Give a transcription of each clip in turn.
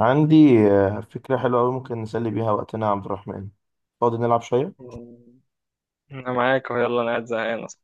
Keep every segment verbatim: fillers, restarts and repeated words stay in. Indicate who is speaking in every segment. Speaker 1: عندي آه، فكرة حلوة أوي ممكن نسلي بيها وقتنا يا عبد الرحمن. فاضي نلعب شوية؟
Speaker 2: مم. انا معاك، يلا انا قاعد زهقان اصلا.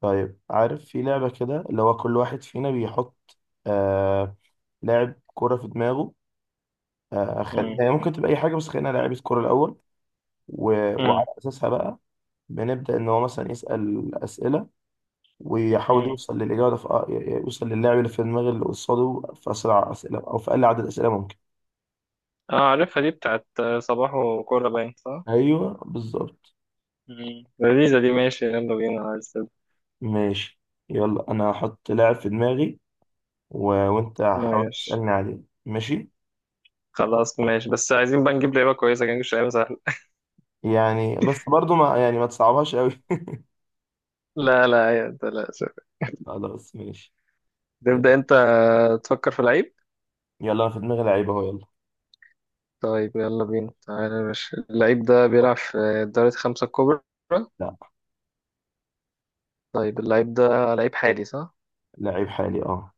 Speaker 1: طيب، عارف في لعبة كده اللي هو كل واحد فينا بيحط آه لاعب كرة في دماغه. آه خل...
Speaker 2: مم.
Speaker 1: يعني ممكن تبقى أي حاجة، بس خلينا لاعيبة كرة الأول و... وعلى
Speaker 2: مم.
Speaker 1: أساسها بقى بنبدأ إن هو مثلا يسأل أسئلة ويحاول
Speaker 2: مم.
Speaker 1: يوصل للإجابة في... آه، يوصل للاعب اللي في دماغ اللي قصاده في أسرع أسئلة أو في أقل عدد أسئلة ممكن.
Speaker 2: اه، عارفها دي بتاعت صباح وكورة، باين صح؟
Speaker 1: أيوه، بالظبط.
Speaker 2: مم. لذيذة دي، ماشي يلا بينا، عايز
Speaker 1: ماشي. يلا، أنا هحط لاعب في دماغي و... وانت حاول
Speaker 2: ماشي.
Speaker 1: تسألني عليه. ماشي.
Speaker 2: خلاص ماشي، بس عايزين بقى نجيب لعيبة كويسة، كان نجيب لعيبة سهلة.
Speaker 1: يعني بس برضو ما يعني ما تصعبهاش قوي.
Speaker 2: لا لا يا ده، لا شوف.
Speaker 1: خلاص، ماشي.
Speaker 2: تبدأ
Speaker 1: يلا.
Speaker 2: انت. تفكر في لعيب.
Speaker 1: يلا، انا في دماغي لعيب اهو. يلا.
Speaker 2: طيب يلا بينا، تعالى يا باشا. اللعيب ده بيلعب في الدوري الخمسة الكبرى؟
Speaker 1: لا.
Speaker 2: طيب اللعيب ده لعيب حالي صح؟
Speaker 1: لعيب حالي، اه.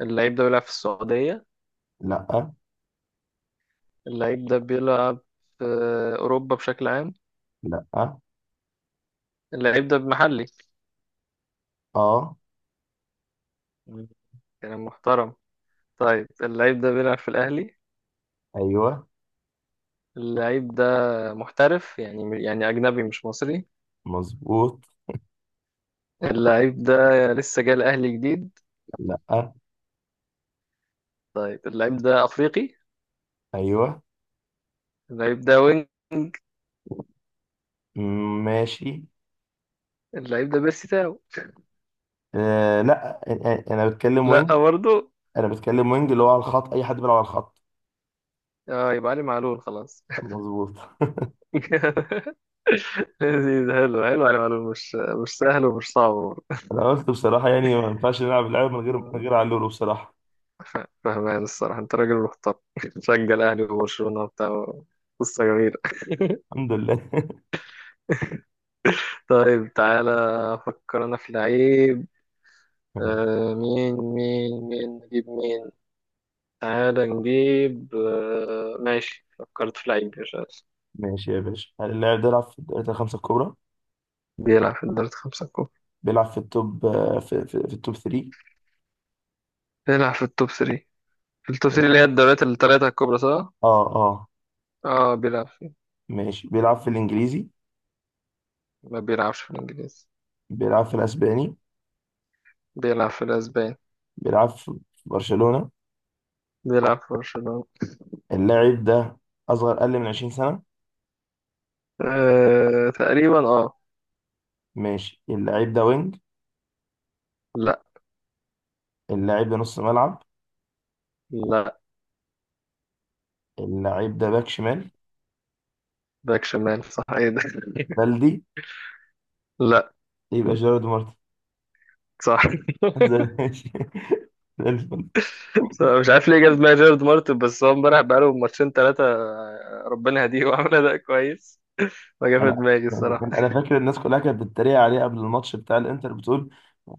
Speaker 2: اللعيب ده بيلعب في السعودية؟
Speaker 1: لا.
Speaker 2: اللعيب ده بيلعب في أوروبا بشكل عام؟
Speaker 1: لا.
Speaker 2: اللعيب ده بمحلي.
Speaker 1: اه.
Speaker 2: مم. كلام محترم. طيب اللعيب ده بيلعب في الأهلي؟
Speaker 1: ايوه،
Speaker 2: اللعيب ده محترف، يعني يعني أجنبي مش مصري؟
Speaker 1: مظبوط.
Speaker 2: اللعيب ده لسه جاي الأهلي جديد؟
Speaker 1: لا.
Speaker 2: طيب اللعيب ده أفريقي؟
Speaker 1: ايوه.
Speaker 2: اللعيب ده وينج؟
Speaker 1: م- ماشي.
Speaker 2: اللعيب ده بيرسي تاو؟
Speaker 1: آه، لا. أ- أ- انا بتكلم
Speaker 2: لا
Speaker 1: وينج.
Speaker 2: لا برضه.
Speaker 1: انا بتكلم وينج اللي هو على الخط، اي حد بيلعب على الخط.
Speaker 2: اه يبقى علي معلول، خلاص.
Speaker 1: مظبوط.
Speaker 2: لذيذ، حلو حلو، علي معلول، مش مش سهل ومش صعب.
Speaker 1: انا قلت بصراحه، يعني ما ينفعش نلعب اللعبه من غير من
Speaker 2: برضه.
Speaker 1: غير علولو بصراحه.
Speaker 2: ف- فهمان الصراحة، انت راجل محترم. تشجع الأهلي وبرشلونة وبتاع. قصة جميلة.
Speaker 1: الحمد لله.
Speaker 2: طيب تعالى، أفكر أنا في لعيب. آه مين مين مين نجيب مين؟ تعالى نجيب. آه ماشي، فكرت في لعيب يا شاس.
Speaker 1: ماشي يا باشا. هل اللاعب ده يلعب في الدوريات الخمسة الكبرى؟
Speaker 2: بيلعب في الدوريات الخمسة الكبرى.
Speaker 1: بيلعب في التوب آه، في, في, في التوب ثري.
Speaker 2: بيلعب في التوب ثلاثة. في التوب ثلاثة
Speaker 1: ماشي.
Speaker 2: اللي هي الدوريات الثلاثة الكبرى صح؟
Speaker 1: اه، اه.
Speaker 2: اه بيلعب فيه.
Speaker 1: ماشي، بيلعب في الانجليزي.
Speaker 2: ما بيلعبش في الإنجليزي.
Speaker 1: بيلعب في الاسباني.
Speaker 2: بيلعب في الأسبان.
Speaker 1: بيلعب في في برشلونة.
Speaker 2: بيلعب في برشلونة.
Speaker 1: اللاعب ده اصغر، اقل من 20 سنة.
Speaker 2: آه تقريبا، اه.
Speaker 1: ماشي. اللاعب ده وينج؟
Speaker 2: لا
Speaker 1: اللاعب ده نص ملعب؟
Speaker 2: لا.
Speaker 1: اللاعب ده باك شمال؟
Speaker 2: باك شمال صح؟ ايه ده.
Speaker 1: بلدي؟
Speaker 2: لا.
Speaker 1: يبقى جيرارد مارتن.
Speaker 2: صح.
Speaker 1: زي- ماشي.
Speaker 2: مش عارف ليه جاب دماغي جيرارد مارتن، بس هو امبارح بقاله ماتشين ثلاثة، ربنا يهديه، وعمل أداء كويس، فجاب في
Speaker 1: انا
Speaker 2: دماغي الصراحة.
Speaker 1: يعني انا فاكر الناس كلها كانت بتتريق عليه قبل الماتش بتاع الانتر، بتقول،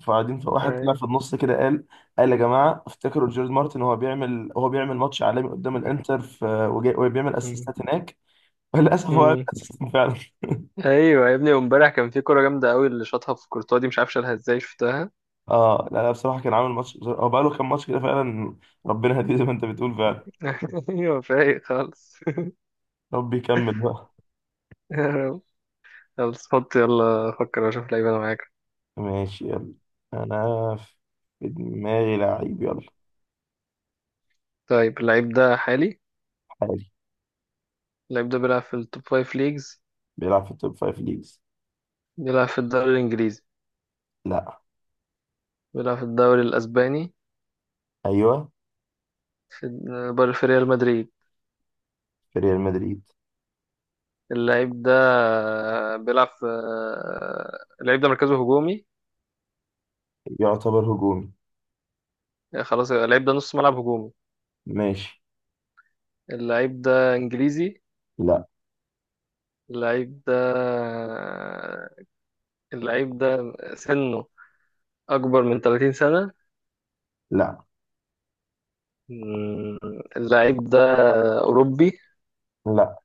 Speaker 1: فقاعدين فواحد طلع
Speaker 2: أيوة.
Speaker 1: في النص كده قال، قال يا جماعه افتكروا جيرد مارتن وهو بيعمل، هو بيعمل ماتش عالمي قدام الانتر في وجاي- وبيعمل
Speaker 2: مم.
Speaker 1: اسيستات هناك. وللاسف هو عامل
Speaker 2: مم.
Speaker 1: اسيستات فعلا.
Speaker 2: أيوة يا ابني، وامبارح كان في كورة جامدة قوي اللي شاطها في كورتوا دي، مش عارف شالها ازاي شفتها.
Speaker 1: اه، لا، لا، بصراحه كان عامل ماتش. هو بقى له كام ماتش كده فعلا. ربنا هديه زي ما انت بتقول فعلا.
Speaker 2: أيوة، فايق خالص.
Speaker 1: ربي يكمل بقى.
Speaker 2: يا رب. خلاص، حط يلا، فكر وأشوف لعيب أنا معاك.
Speaker 1: ماشي. يلا، انا في دماغي لعيب. يلا.
Speaker 2: طيب اللعيب ده حالي؟
Speaker 1: حالي.
Speaker 2: اللعيب ده بيلعب في التوب فايف ليجز؟
Speaker 1: بيلعب في التوب فايف ليجز.
Speaker 2: بيلعب في الدوري الإنجليزي؟
Speaker 1: لا.
Speaker 2: بيلعب في الدوري الأسباني؟
Speaker 1: ايوه.
Speaker 2: في بر- في ريال مدريد؟
Speaker 1: في ريال مدريد.
Speaker 2: اللعيب ده بيلعب في. اللعيب ده مركزه هجومي؟
Speaker 1: يعتبر هجومي.
Speaker 2: خلاص يبقى اللعيب ده نص ملعب هجومي.
Speaker 1: ماشي.
Speaker 2: اللعيب ده انجليزي؟
Speaker 1: لا.
Speaker 2: اللعيب ده اللعيب ده سنه اكبر من 30 سنة؟
Speaker 1: لا.
Speaker 2: مم. اللعيب ده اوروبي؟
Speaker 1: لا.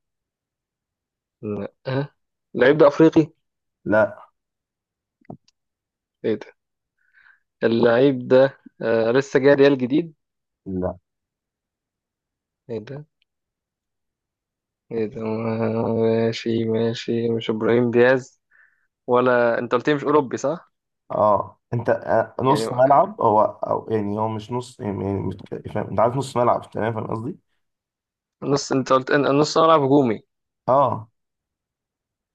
Speaker 2: لا. أه. اللعيب ده افريقي؟
Speaker 1: لا.
Speaker 2: ايه ده. اللعيب ده آه لسه جاي ريال جديد؟
Speaker 1: لا.
Speaker 2: ايه ده. ايه ده. ماشي ماشي، مش ابراهيم دياز؟ ولا انت قلت لي مش اوروبي صح.
Speaker 1: اه، انت آه،
Speaker 2: يعني
Speaker 1: نص ملعب، هو او يعني هو مش نص، يعني يعني متك- فاهم؟ انت عارف نص ملعب، تمام، فاهم قصدي؟
Speaker 2: نص، انت قلت ان نص ملعب هجومي.
Speaker 1: اه،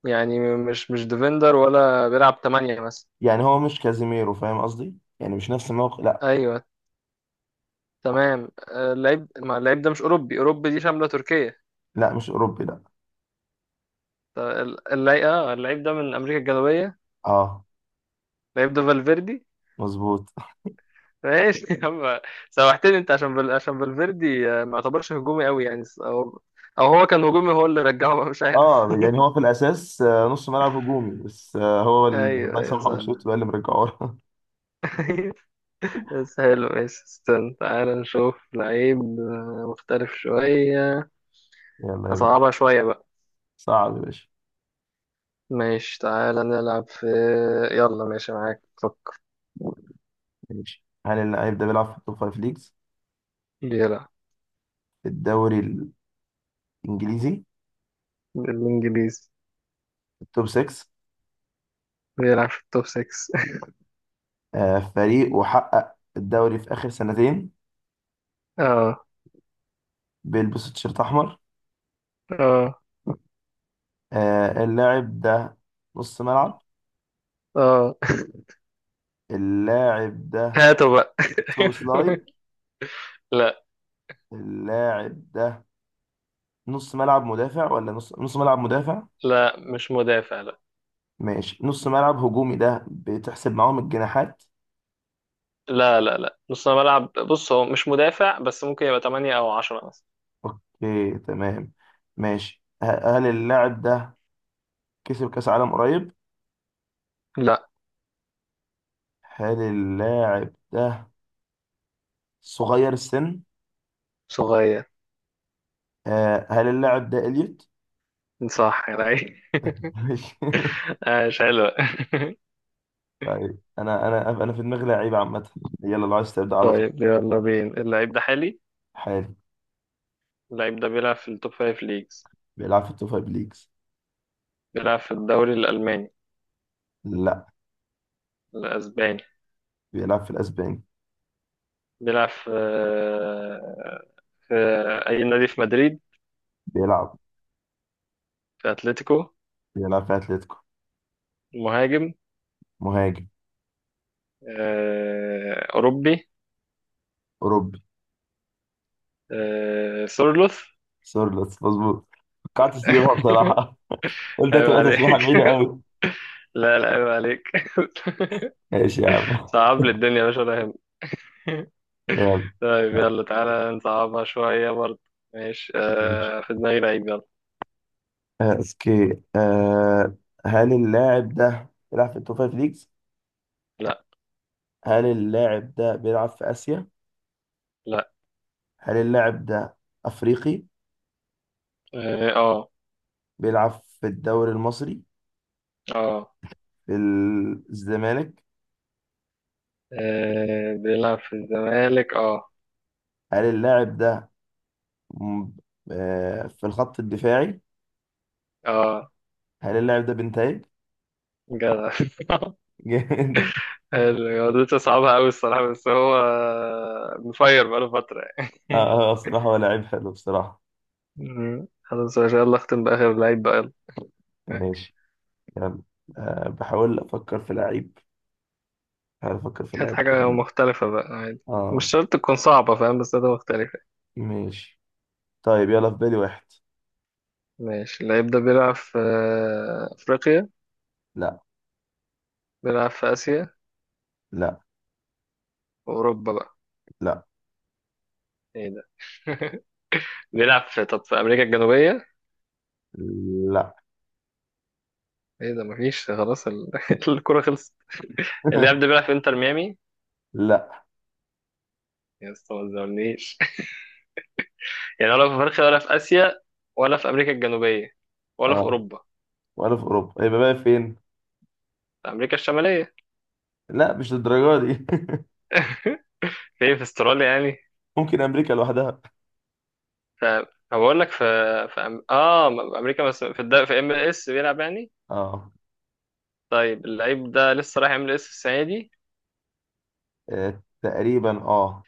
Speaker 2: يعني مش مش ديفندر ولا بيلعب تمانية مثلا؟
Speaker 1: يعني هو مش كازيميرو، فاهم قصدي؟ يعني مش نفس الموقع. لا.
Speaker 2: ايوه. تمام. آه، اللعيب ما اللعيب ده مش اوروبي. اوروبي دي شاملة تركيا؟
Speaker 1: لا، مش اوروبي. لا.
Speaker 2: ط- ال- اللعيب اه اللعيب ده من امريكا الجنوبية؟
Speaker 1: اه،
Speaker 2: اللعيب ده فالفيردي؟
Speaker 1: مظبوط.
Speaker 2: ماشي يا عم. سوحتني انت، عشان بل... عشان فالفيردي، آه، ما يعتبرش هجومي قوي يعني. او او هو كان هجومي، هو اللي رجعه بقى مش عارف.
Speaker 1: اه، يعني هو في الاساس آه، نص ملعب هجومي، بس آه، هو ال-
Speaker 2: ايوه
Speaker 1: الله
Speaker 2: ايوه،
Speaker 1: يسامحه
Speaker 2: صح.
Speaker 1: انشيلوتي بقى اللي مرجعه لنا.
Speaker 2: مم. بس حلو ماشي. استنى، تعالى نشوف لعيب آه، مختلف شوية.
Speaker 1: يلا يا باشا.
Speaker 2: أصعبها شوية بقى.
Speaker 1: صعب يا باشا.
Speaker 2: ماشي تعالى نلعب في. يلا ماشي معاك، فك.
Speaker 1: ماشي. هل اللعيب ده بيلعب في التوب فايف ليجز؟
Speaker 2: بيلعب.
Speaker 1: في الدوري الانجليزي؟
Speaker 2: بالإنجليزي.
Speaker 1: توب سيكس؟
Speaker 2: بيلعب في التوب ستة.
Speaker 1: آه، فريق وحقق الدوري في آخر سنتين.
Speaker 2: اه.
Speaker 1: بيلبس تيشيرت أحمر.
Speaker 2: اه.
Speaker 1: آه، اللاعب ده نص ملعب.
Speaker 2: اه.
Speaker 1: اللاعب ده
Speaker 2: هاتوا بقى.
Speaker 1: سوبوسلاي؟
Speaker 2: لا
Speaker 1: اللاعب ده نص ملعب مدافع ولا نص نص ملعب مدافع؟
Speaker 2: لا، مش مدافع، لا.
Speaker 1: ماشي. نص ملعب هجومي، ده بتحسب معاهم الجناحات؟
Speaker 2: لا لا لا، نص ملعب، بص هو مش مدافع، بس ممكن يبقى تمانية أو عشرة مثلا.
Speaker 1: اوكي، تمام. ماشي. ه- هل اللاعب ده كسب كأس عالم قريب؟
Speaker 2: لا.
Speaker 1: هل اللاعب ده صغير السن؟
Speaker 2: صغير.
Speaker 1: آه، هل اللاعب ده إليوت؟
Speaker 2: صح يا لعيب. عاش، حلو.
Speaker 1: طيب، انا انا انا في دماغي لعيب عامه. يلا لو عايز تبدا على طول.
Speaker 2: طيب يلا بينا. اللعيب ده حالي؟
Speaker 1: حالي.
Speaker 2: اللعيب ده بيلعب في التوب خمسة ليجز؟
Speaker 1: بيلعب في التوب فايف ليجز.
Speaker 2: بيلعب في الدوري الألماني؟
Speaker 1: لا.
Speaker 2: الأسباني؟
Speaker 1: بيلعب في الاسباني.
Speaker 2: بيلعب في في أي نادي في مدريد؟
Speaker 1: بيلعب
Speaker 2: في أتلتيكو؟
Speaker 1: بيلعب في اتلتيكو.
Speaker 2: مهاجم؟
Speaker 1: مهاجم.
Speaker 2: آه، أوروبي؟
Speaker 1: اوروبي.
Speaker 2: آه، سورلوث؟
Speaker 1: سورلوس مظبوط. قعدت تجيبها بصراحه. قلت
Speaker 2: عيب
Speaker 1: هتبقى تسبيحه
Speaker 2: عليك.
Speaker 1: بعيده قوي.
Speaker 2: لا لا، عيب عليك.
Speaker 1: ماشي يا عم.
Speaker 2: صعب لي الدنيا يا باشا ولا يهمك.
Speaker 1: يلا.
Speaker 2: طيب يلا تعالى نصعبها شوية برضه. ماشي،
Speaker 1: ماشي.
Speaker 2: آه، في دماغي لعيب، يلا.
Speaker 1: آه، اوكي. آه هل اللاعب ده بيلعب في التوب فايف ليجز؟
Speaker 2: لا.
Speaker 1: هل اللاعب ده بيلعب في اسيا؟
Speaker 2: لا.
Speaker 1: هل اللاعب ده افريقي؟
Speaker 2: اه.
Speaker 1: بيلعب في الدوري المصري.
Speaker 2: اه. آه.
Speaker 1: في الزمالك.
Speaker 2: آه، بيلعب في الزمالك، اه.
Speaker 1: هل اللاعب ده م- آه، في الخط الدفاعي؟
Speaker 2: اه.
Speaker 1: هل اللاعب ده بنتايج؟
Speaker 2: جدع.
Speaker 1: جامد.
Speaker 2: رياضته صعبة أوي الصراحة، بس هو مفير بقاله فترة
Speaker 1: اه.
Speaker 2: يعني.
Speaker 1: آه، بصراحة هو لعيب حلو بصراحة.
Speaker 2: مم. خلاص ما شاء الله، اختم بآخر لعيب بقى. يلا.
Speaker 1: ماشي. يلا. أه بحاول أفكر في لعيب. بحاول أفكر في
Speaker 2: هات
Speaker 1: لعيب
Speaker 2: حاجة
Speaker 1: كويس.
Speaker 2: مختلفة بقى، عادي مش
Speaker 1: اه.
Speaker 2: شرط تكون صعبة فاهم، بس ده مختلفة.
Speaker 1: ماشي. طيب يلا، في بالي واحد.
Speaker 2: ماشي اللعيب ده بيلعب في أفريقيا؟
Speaker 1: لا.
Speaker 2: بيلعب في آسيا؟
Speaker 1: لا.
Speaker 2: وأوروبا بقى؟
Speaker 1: لا.
Speaker 2: ايه ده. بيلعب في، طب، في أمريكا الجنوبية؟
Speaker 1: لا.
Speaker 2: ايه ده. مفيش خلاص ال... الكرة خلصت. اللاعب ده بيلعب في انتر ميامي؟
Speaker 1: لا.
Speaker 2: يا اسطى ما تزعلنيش، يعني ولا في افريقيا، ولا في اسيا، ولا في امريكا الجنوبيه، ولا في
Speaker 1: اه.
Speaker 2: اوروبا.
Speaker 1: ولا في أوروبا؟ يبقى بقى فين؟
Speaker 2: في امريكا الشماليه؟
Speaker 1: لا، مش للدرجة دي.
Speaker 2: فين، في استراليا يعني.
Speaker 1: ممكن أمريكا لوحدها.
Speaker 2: ف فبقول لك في. في أم... اه م- امريكا، بس في الد... في ام ال اس بيلعب يعني.
Speaker 1: اه.
Speaker 2: طيب اللعيب ده لسه رايح ام ال اس السنه دي؟
Speaker 1: آه، تقريبا، اه.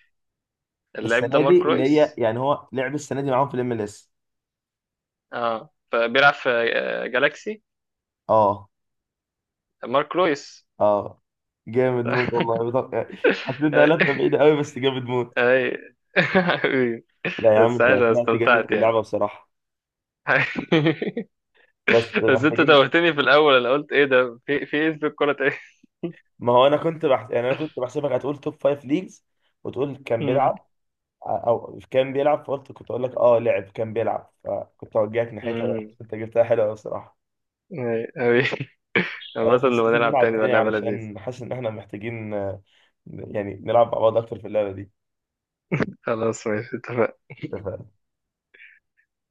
Speaker 2: اللعيب ده
Speaker 1: السنه دي
Speaker 2: مارك
Speaker 1: اللي هي
Speaker 2: رويس؟
Speaker 1: يعني هو لعب السنه دي معاهم في الام ال اس.
Speaker 2: اه فبيلعب في آه، جالاكسي.
Speaker 1: اه.
Speaker 2: مارك رويس.
Speaker 1: اه. جامد موت والله، بط- حسيت انها لفه
Speaker 2: اي.
Speaker 1: بعيده قوي، بس جامد موت.
Speaker 2: أي.
Speaker 1: لا يا عم،
Speaker 2: بس
Speaker 1: انت
Speaker 2: عايش، أنا
Speaker 1: طلعت جامد
Speaker 2: استمتعت
Speaker 1: في
Speaker 2: يعني.
Speaker 1: اللعبه بصراحه. بس
Speaker 2: بس انت
Speaker 1: محتاجين.
Speaker 2: توهتني في الاول، انا قلت ايه ده، في في ايه، في الكوره؟
Speaker 1: ما هو انا كنت بحس... يعني انا كنت بحسبك هتقول توب فايف ليجز وتقول كان
Speaker 2: تاني.
Speaker 1: بيلعب، او كان بيلعب. فقلت كنت اقول لك اه لعب كان بيلعب، فكنت اوجهك ناحيتها بقى.
Speaker 2: امم
Speaker 1: بس انت جبتها حلوه قوي بصراحه.
Speaker 2: اي أوي. عامة
Speaker 1: خلاص، بس
Speaker 2: لما
Speaker 1: لازم
Speaker 2: نلعب
Speaker 1: نلعب
Speaker 2: تاني بقى،
Speaker 1: تاني
Speaker 2: لعبة لذيذة.
Speaker 1: علشان حاسس ان احنا محتاجين، آه، يعني نلعب مع بعض اكتر في اللعبه
Speaker 2: خلاص ماشي، اتفقنا.
Speaker 1: دي